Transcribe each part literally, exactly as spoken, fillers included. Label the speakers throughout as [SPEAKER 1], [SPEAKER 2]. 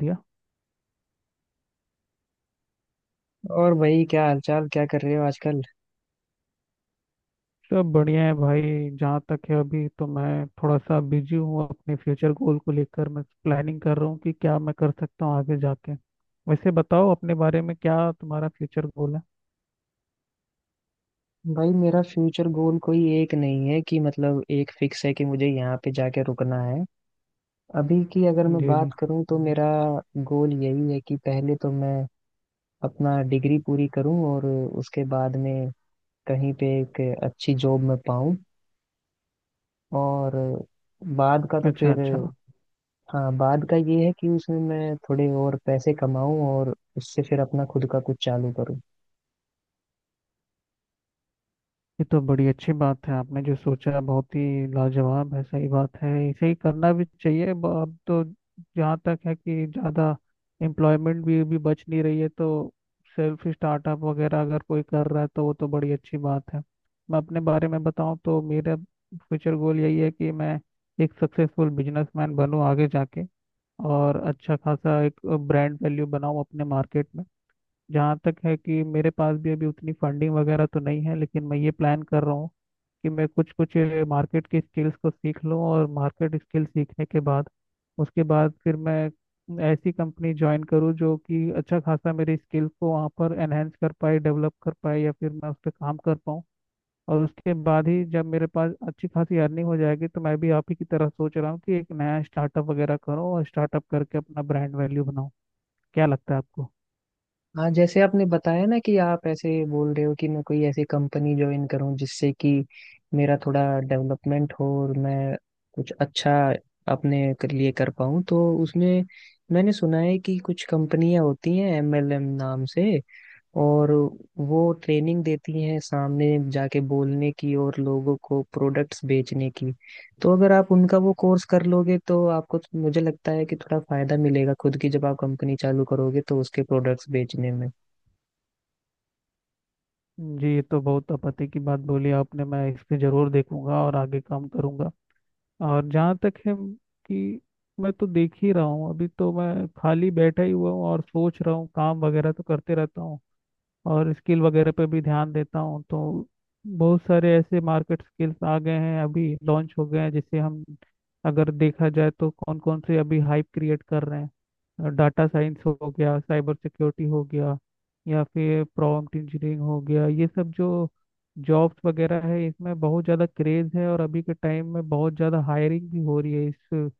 [SPEAKER 1] दिया।
[SPEAKER 2] और भाई क्या हालचाल क्या कर रहे हो आजकल।
[SPEAKER 1] सब बढ़िया है भाई। जहाँ तक है अभी तो मैं थोड़ा सा बिजी हूँ, अपने फ्यूचर गोल को लेकर मैं प्लानिंग कर रहा हूँ कि क्या मैं कर सकता हूँ आगे जाके। वैसे बताओ अपने बारे में, क्या तुम्हारा फ्यूचर गोल है?
[SPEAKER 2] भाई मेरा फ्यूचर गोल कोई एक नहीं है कि मतलब एक फिक्स है कि मुझे यहाँ पे जाके रुकना है। अभी की अगर मैं
[SPEAKER 1] जी जी।
[SPEAKER 2] बात करूँ तो मेरा गोल यही है कि पहले तो मैं अपना डिग्री पूरी करूँ और उसके बाद में कहीं पे एक अच्छी जॉब में पाऊँ और बाद का तो
[SPEAKER 1] अच्छा
[SPEAKER 2] फिर
[SPEAKER 1] अच्छा।
[SPEAKER 2] हाँ बाद का ये है कि उसमें मैं थोड़े और पैसे कमाऊँ और उससे फिर अपना खुद का कुछ चालू करूँ।
[SPEAKER 1] ये तो बड़ी अच्छी बात है आपने जो सोचा, बहुत ही लाजवाब है, सही बात है, ऐसे ही करना भी चाहिए। ब- अब तो जहाँ तक है कि ज़्यादा एम्प्लॉयमेंट भी भी बच नहीं रही है, तो सेल्फ स्टार्टअप वगैरह अगर कोई कर रहा है तो वो तो बड़ी अच्छी बात है। मैं अपने बारे में बताऊँ तो मेरा फ्यूचर गोल यही है कि मैं एक सक्सेसफुल बिजनेसमैन बनूँ आगे जाके, और अच्छा खासा एक ब्रांड वैल्यू बनाऊँ अपने मार्केट में। जहाँ तक है कि मेरे पास भी अभी उतनी फंडिंग वगैरह तो नहीं है, लेकिन मैं ये प्लान कर रहा हूँ कि मैं कुछ कुछ मार्केट की स्किल्स को सीख लूँ, और मार्केट स्किल सीखने के बाद उसके बाद फिर मैं ऐसी कंपनी ज्वाइन करूँ जो कि अच्छा खासा मेरी स्किल्स को वहाँ पर एनहेंस कर पाए, डेवलप कर पाए, या फिर मैं उस पर काम कर पाऊँ। और उसके बाद ही जब मेरे पास अच्छी खासी अर्निंग हो जाएगी तो मैं भी आप ही की तरह सोच रहा हूँ कि एक नया स्टार्टअप वगैरह करूँ और स्टार्टअप करके अपना ब्रांड वैल्यू बनाऊँ। क्या लगता है आपको?
[SPEAKER 2] हाँ, जैसे आपने बताया ना कि आप ऐसे बोल रहे हो कि मैं कोई ऐसी कंपनी ज्वाइन करूं जिससे कि मेरा थोड़ा डेवलपमेंट हो और मैं कुछ अच्छा अपने क- लिए कर पाऊं। तो उसमें मैंने सुना है कि कुछ कंपनियां होती हैं एमएलएम नाम से और वो ट्रेनिंग देती हैं सामने जाके बोलने की और लोगों को प्रोडक्ट्स बेचने की। तो अगर आप उनका वो कोर्स कर लोगे तो आपको मुझे लगता है कि थोड़ा फायदा मिलेगा, खुद की जब आप कंपनी चालू करोगे तो उसके प्रोडक्ट्स बेचने में।
[SPEAKER 1] जी, ये तो बहुत आपत्ति की बात बोली आपने, मैं इस पे जरूर देखूंगा और आगे काम करूंगा। और जहाँ तक है कि मैं तो देख ही रहा हूँ, अभी तो मैं खाली बैठा ही हुआ हूँ और सोच रहा हूँ, काम वगैरह तो करते रहता हूँ और स्किल वगैरह पे भी ध्यान देता हूँ। तो बहुत सारे ऐसे मार्केट स्किल्स आ गए हैं, अभी लॉन्च हो गए हैं जिसे हम, अगर देखा जाए तो कौन कौन से अभी हाइप क्रिएट कर रहे हैं, डाटा साइंस हो गया, साइबर सिक्योरिटी हो गया, या फिर प्रॉम्प्ट इंजीनियरिंग हो गया। ये सब जो जॉब्स वगैरह है इसमें बहुत ज़्यादा क्रेज़ है, और अभी के टाइम में बहुत ज़्यादा हायरिंग भी हो रही है इस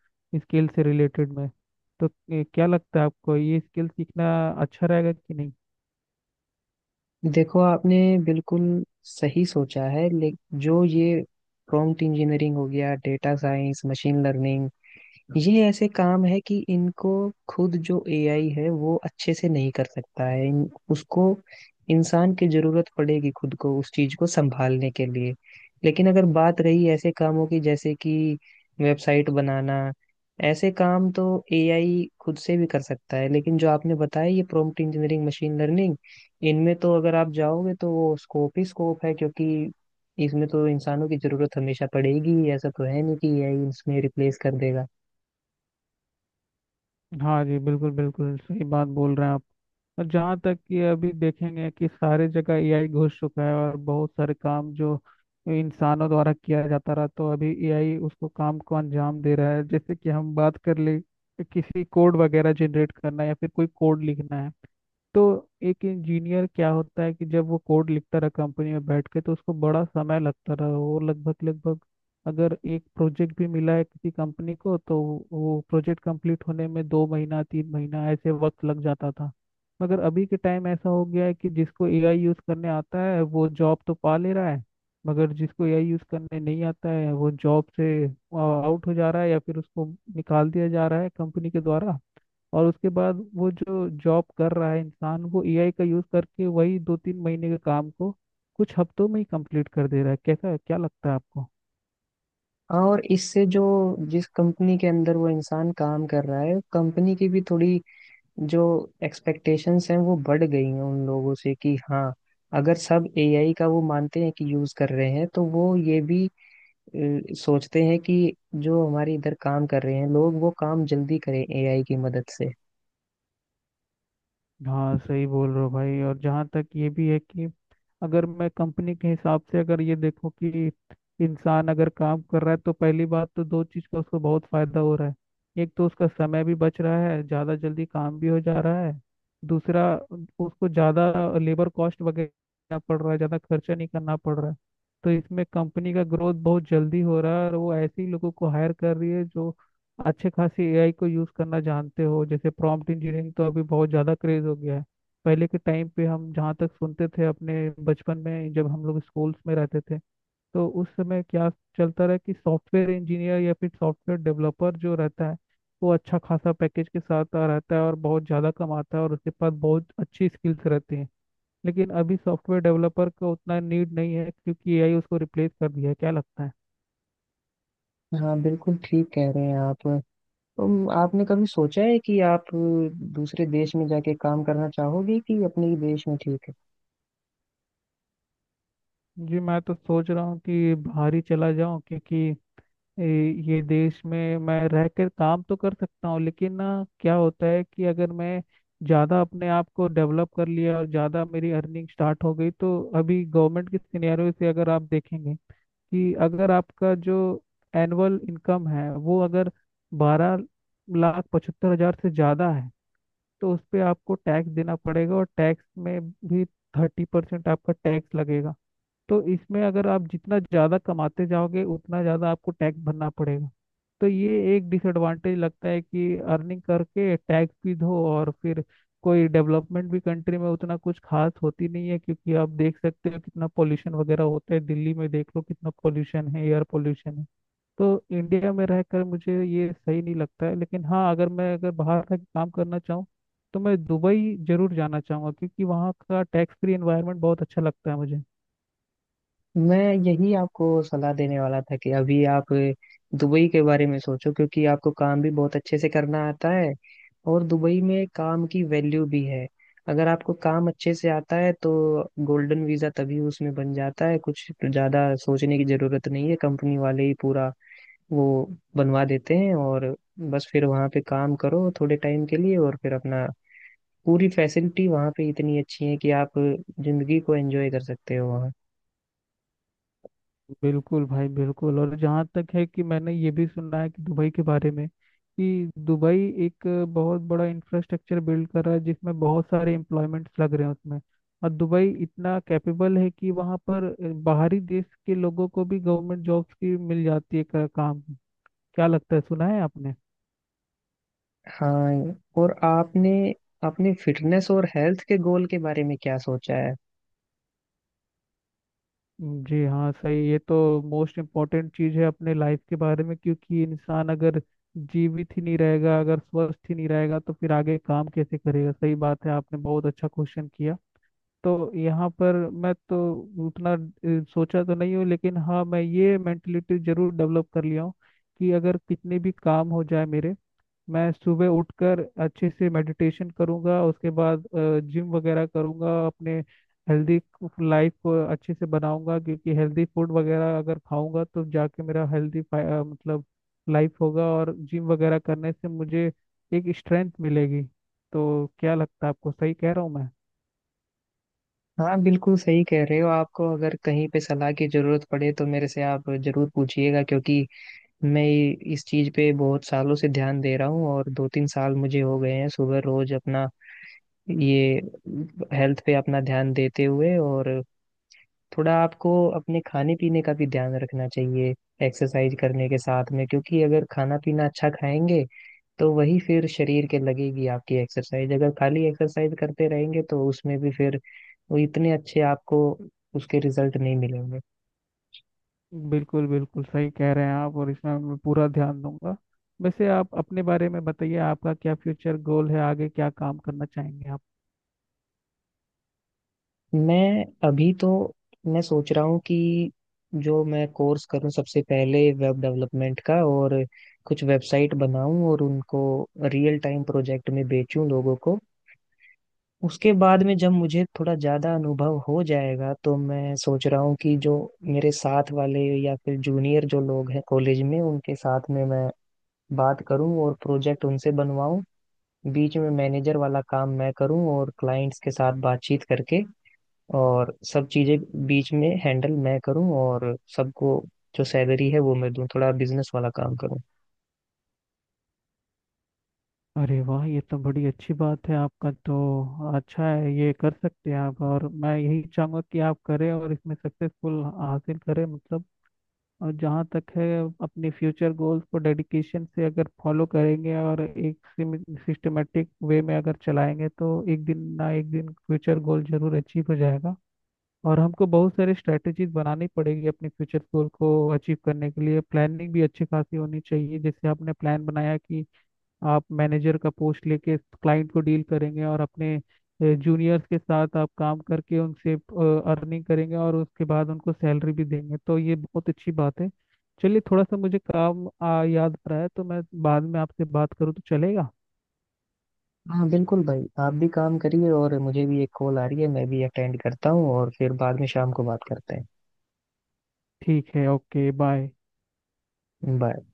[SPEAKER 1] स्किल से रिलेटेड में। तो ए, क्या लगता है आपको, ये स्किल सीखना अच्छा रहेगा कि नहीं?
[SPEAKER 2] देखो आपने बिल्कुल सही सोचा है, लेकिन जो ये प्रॉम्प्ट इंजीनियरिंग हो गया, डेटा साइंस, मशीन लर्निंग, ये ऐसे काम है कि इनको खुद जो एआई है वो अच्छे से नहीं कर सकता है। इन, उसको इंसान की जरूरत पड़ेगी खुद को उस चीज को संभालने के लिए। लेकिन अगर बात रही ऐसे कामों की जैसे कि वेबसाइट बनाना, ऐसे काम तो एआई खुद से भी कर सकता है। लेकिन जो आपने बताया ये प्रॉम्प्ट इंजीनियरिंग, मशीन लर्निंग, इनमें तो अगर आप जाओगे तो वो स्कोप ही स्कोप है, क्योंकि इसमें तो इंसानों की जरूरत हमेशा पड़ेगी ही। ऐसा तो है नहीं कि एआई इसमें रिप्लेस कर देगा।
[SPEAKER 1] हाँ जी, बिल्कुल बिल्कुल सही बात बोल रहे हैं आप। और जहाँ तक कि अभी देखेंगे कि सारे जगह एआई घुस चुका है, और बहुत सारे काम जो इंसानों द्वारा किया जाता रहा, तो अभी एआई उसको काम को अंजाम दे रहा है। जैसे कि हम बात कर ले, किसी कोड वगैरह जनरेट करना या फिर कोई कोड लिखना है, तो एक इंजीनियर क्या होता है कि जब वो कोड लिखता रहा कंपनी में बैठ के तो उसको बड़ा समय लगता रहा। वो लगभग लगभग, अगर एक प्रोजेक्ट भी मिला है किसी कंपनी को, तो वो प्रोजेक्ट कंप्लीट होने में दो महीना तीन महीना ऐसे वक्त लग जाता था। मगर अभी के टाइम ऐसा हो गया है कि जिसको एआई यूज़ करने आता है वो जॉब तो पा ले रहा है, मगर जिसको एआई यूज़ करने नहीं आता है वो जॉब से आउट हो जा रहा है, या फिर उसको निकाल दिया जा रहा है कंपनी के द्वारा। और उसके बाद वो जो जॉब कर रहा है इंसान, वो एआई का यूज करके वही दो तीन महीने के काम को कुछ हफ्तों में ही कंप्लीट कर दे रहा है। कैसा, क्या लगता है आपको?
[SPEAKER 2] हाँ, और इससे जो जिस कंपनी के अंदर वो इंसान काम कर रहा है कंपनी की भी थोड़ी जो एक्सपेक्टेशंस हैं वो बढ़ गई हैं उन लोगों से कि हाँ, अगर सब एआई का वो मानते हैं कि यूज कर रहे हैं तो वो ये भी अ, सोचते हैं कि जो हमारे इधर काम कर रहे हैं लोग वो काम जल्दी करें एआई की मदद से।
[SPEAKER 1] हाँ सही बोल रहे हो भाई। और जहाँ तक ये भी है कि अगर मैं कंपनी के हिसाब से अगर ये देखो कि इंसान अगर काम कर रहा है तो पहली बात तो दो चीज़ का उसको बहुत फायदा हो रहा है, एक तो उसका समय भी बच रहा है, ज़्यादा जल्दी काम भी हो जा रहा है। दूसरा, उसको ज़्यादा लेबर कॉस्ट वगैरह पड़ रहा है, ज़्यादा खर्चा नहीं करना पड़ रहा है। तो इसमें कंपनी का ग्रोथ बहुत जल्दी हो रहा है, और वो ऐसे ही लोगों को हायर कर रही है जो अच्छे खासी एआई को यूज़ करना जानते हो। जैसे प्रॉम्प्ट इंजीनियरिंग तो अभी बहुत ज़्यादा क्रेज हो गया है। पहले के टाइम पे हम जहाँ तक सुनते थे अपने बचपन में, जब हम लोग स्कूल्स में रहते थे, तो उस समय क्या चलता रहा कि सॉफ्टवेयर इंजीनियर या फिर सॉफ्टवेयर डेवलपर जो रहता है वो अच्छा खासा पैकेज के साथ आ रहता है और बहुत ज़्यादा कमाता है और उसके पास बहुत अच्छी स्किल्स रहती हैं। लेकिन अभी सॉफ्टवेयर डेवलपर का उतना नीड नहीं है, क्योंकि एआई उसको रिप्लेस कर दिया है। क्या लगता है?
[SPEAKER 2] हाँ बिल्कुल ठीक कह रहे हैं आप। तुम आपने कभी सोचा है कि आप अ, दूसरे देश में जाके काम करना चाहोगे कि अपने ही देश में ठीक है?
[SPEAKER 1] जी, मैं तो सोच रहा हूँ कि बाहर ही चला जाऊँ, क्योंकि ये ये देश में मैं रह कर काम तो कर सकता हूँ लेकिन, ना, क्या होता है कि अगर मैं ज़्यादा अपने आप को डेवलप कर लिया और ज़्यादा मेरी अर्निंग स्टार्ट हो गई, तो अभी गवर्नमेंट के सिनेरियो से अगर आप देखेंगे कि अगर आपका जो एनुअल इनकम है वो अगर बारह लाख पचहत्तर हज़ार से ज़्यादा है, तो उस पे आपको टैक्स देना पड़ेगा, और टैक्स में भी थर्टी परसेंट आपका टैक्स लगेगा। तो इसमें अगर आप जितना ज़्यादा कमाते जाओगे उतना ज़्यादा आपको टैक्स भरना पड़ेगा। तो ये एक डिसएडवांटेज लगता है कि अर्निंग करके टैक्स भी दो और फिर कोई डेवलपमेंट भी कंट्री में उतना कुछ खास होती नहीं है, क्योंकि आप देख सकते हो कितना पोल्यूशन वगैरह होता है, दिल्ली में देख लो कितना पोल्यूशन है, एयर पोल्यूशन है। तो इंडिया में रहकर मुझे ये सही नहीं लगता है। लेकिन हाँ, अगर मैं अगर बाहर का काम करना चाहूँ तो मैं दुबई जरूर जाना चाहूँगा, क्योंकि वहाँ का टैक्स फ्री एनवायरनमेंट बहुत अच्छा लगता है मुझे।
[SPEAKER 2] मैं यही आपको सलाह देने वाला था कि अभी आप दुबई के बारे में सोचो, क्योंकि आपको काम भी बहुत अच्छे से करना आता है और दुबई में काम की वैल्यू भी है। अगर आपको काम अच्छे से आता है तो गोल्डन वीजा तभी उसमें बन जाता है, कुछ ज्यादा सोचने की जरूरत नहीं है, कंपनी वाले ही पूरा वो बनवा देते हैं। और बस फिर वहाँ पे काम करो थोड़े टाइम के लिए और फिर अपना पूरी फैसिलिटी वहाँ पे इतनी अच्छी है कि आप जिंदगी को एंजॉय कर सकते हो वहाँ।
[SPEAKER 1] बिल्कुल भाई, बिल्कुल। और जहाँ तक है कि मैंने ये भी सुना है कि दुबई के बारे में, कि दुबई एक बहुत बड़ा इंफ्रास्ट्रक्चर बिल्ड कर रहा है, जिसमें बहुत सारे एम्प्लॉयमेंट्स लग रहे हैं उसमें। और दुबई इतना कैपेबल है कि वहाँ पर बाहरी देश के लोगों को भी गवर्नमेंट जॉब्स की मिल जाती है का- काम। क्या लगता है, सुना है आपने?
[SPEAKER 2] हाँ, और आपने अपने फिटनेस और हेल्थ के गोल के बारे में क्या सोचा है?
[SPEAKER 1] जी हाँ सही, ये तो मोस्ट इम्पोर्टेंट चीज़ है अपने लाइफ के बारे में, क्योंकि इंसान अगर जीवित ही नहीं रहेगा, अगर स्वस्थ ही नहीं रहेगा तो फिर आगे काम कैसे करेगा। सही बात है, आपने बहुत अच्छा क्वेश्चन किया। तो यहाँ पर मैं तो उतना अ, सोचा तो नहीं हूँ, लेकिन हाँ मैं ये मेंटलिटी जरूर डेवलप कर लिया हूँ कि अगर कितने भी काम हो जाए मेरे, मैं सुबह उठकर अच्छे से मेडिटेशन करूंगा, उसके बाद जिम वगैरह करूंगा, अपने हेल्दी लाइफ को अच्छे से बनाऊंगा। क्योंकि हेल्दी फूड वगैरह अगर खाऊंगा तो जाके मेरा हेल्दी, मतलब, लाइफ होगा, और जिम वगैरह करने से मुझे एक स्ट्रेंथ मिलेगी। तो क्या लगता है आपको, सही कह रहा हूँ मैं?
[SPEAKER 2] हाँ बिल्कुल सही कह रहे हो। आपको अगर कहीं पे सलाह की जरूरत पड़े तो मेरे से आप जरूर पूछिएगा, क्योंकि मैं इस चीज पे बहुत सालों से ध्यान दे रहा हूँ और दो तीन साल मुझे हो गए हैं सुबह रोज अपना ये हेल्थ पे अपना ध्यान देते हुए। और थोड़ा आपको अपने खाने पीने का भी ध्यान रखना चाहिए एक्सरसाइज करने के साथ में, क्योंकि अगर खाना पीना अच्छा खाएंगे तो वही फिर शरीर के लगेगी आपकी एक्सरसाइज। अगर खाली एक्सरसाइज करते रहेंगे तो उसमें भी फिर वो इतने अच्छे आपको उसके रिजल्ट नहीं मिलेंगे।
[SPEAKER 1] बिल्कुल बिल्कुल सही कह रहे हैं आप, और इसमें मैं पूरा ध्यान दूंगा। वैसे आप अपने बारे में बताइए, आपका क्या फ्यूचर गोल है, आगे क्या काम करना चाहेंगे आप?
[SPEAKER 2] मैं अभी तो मैं सोच रहा हूँ कि जो मैं कोर्स करूँ सबसे पहले वेब डेवलपमेंट का और कुछ वेबसाइट बनाऊं और उनको रियल टाइम प्रोजेक्ट में बेचूं लोगों को। उसके बाद में जब मुझे थोड़ा ज्यादा अनुभव हो जाएगा तो मैं सोच रहा हूँ कि जो मेरे साथ वाले या फिर जूनियर जो लोग हैं कॉलेज में उनके साथ में मैं बात करूँ और प्रोजेक्ट उनसे बनवाऊँ। बीच में मैनेजर वाला काम मैं करूँ और क्लाइंट्स के साथ बातचीत करके और सब चीजें बीच में हैंडल मैं करूँ और सबको जो सैलरी है वो मैं दूँ, थोड़ा बिजनेस वाला काम करूँ।
[SPEAKER 1] अरे वाह, ये तो बड़ी अच्छी बात है, आपका तो अच्छा है, ये कर सकते हैं आप, और मैं यही चाहूंगा कि आप करें और इसमें सक्सेसफुल हासिल करें, मतलब। और जहाँ तक है, अपने फ्यूचर गोल्स को डेडिकेशन से अगर फॉलो करेंगे, और एक सिस्टमेटिक वे में अगर चलाएंगे, तो एक दिन ना एक दिन फ्यूचर गोल जरूर अचीव हो जाएगा। और हमको बहुत सारे स्ट्रेटेजीज बनानी पड़ेगी अपने फ्यूचर गोल को अचीव करने के लिए, प्लानिंग भी अच्छी खासी होनी चाहिए। जैसे आपने प्लान बनाया कि आप मैनेजर का पोस्ट लेके क्लाइंट को डील करेंगे, और अपने जूनियर्स के साथ आप काम करके उनसे अर्निंग करेंगे, और उसके बाद उनको सैलरी भी देंगे, तो ये बहुत अच्छी बात है। चलिए, थोड़ा सा मुझे काम आ, याद आ रहा है तो मैं बाद में आपसे बात करूँ तो चलेगा?
[SPEAKER 2] हाँ बिल्कुल भाई, आप भी काम करिए और मुझे भी एक कॉल आ रही है, मैं भी अटेंड करता हूँ और फिर बाद में शाम को बात करते हैं।
[SPEAKER 1] ठीक है, ओके, बाय।
[SPEAKER 2] बाय।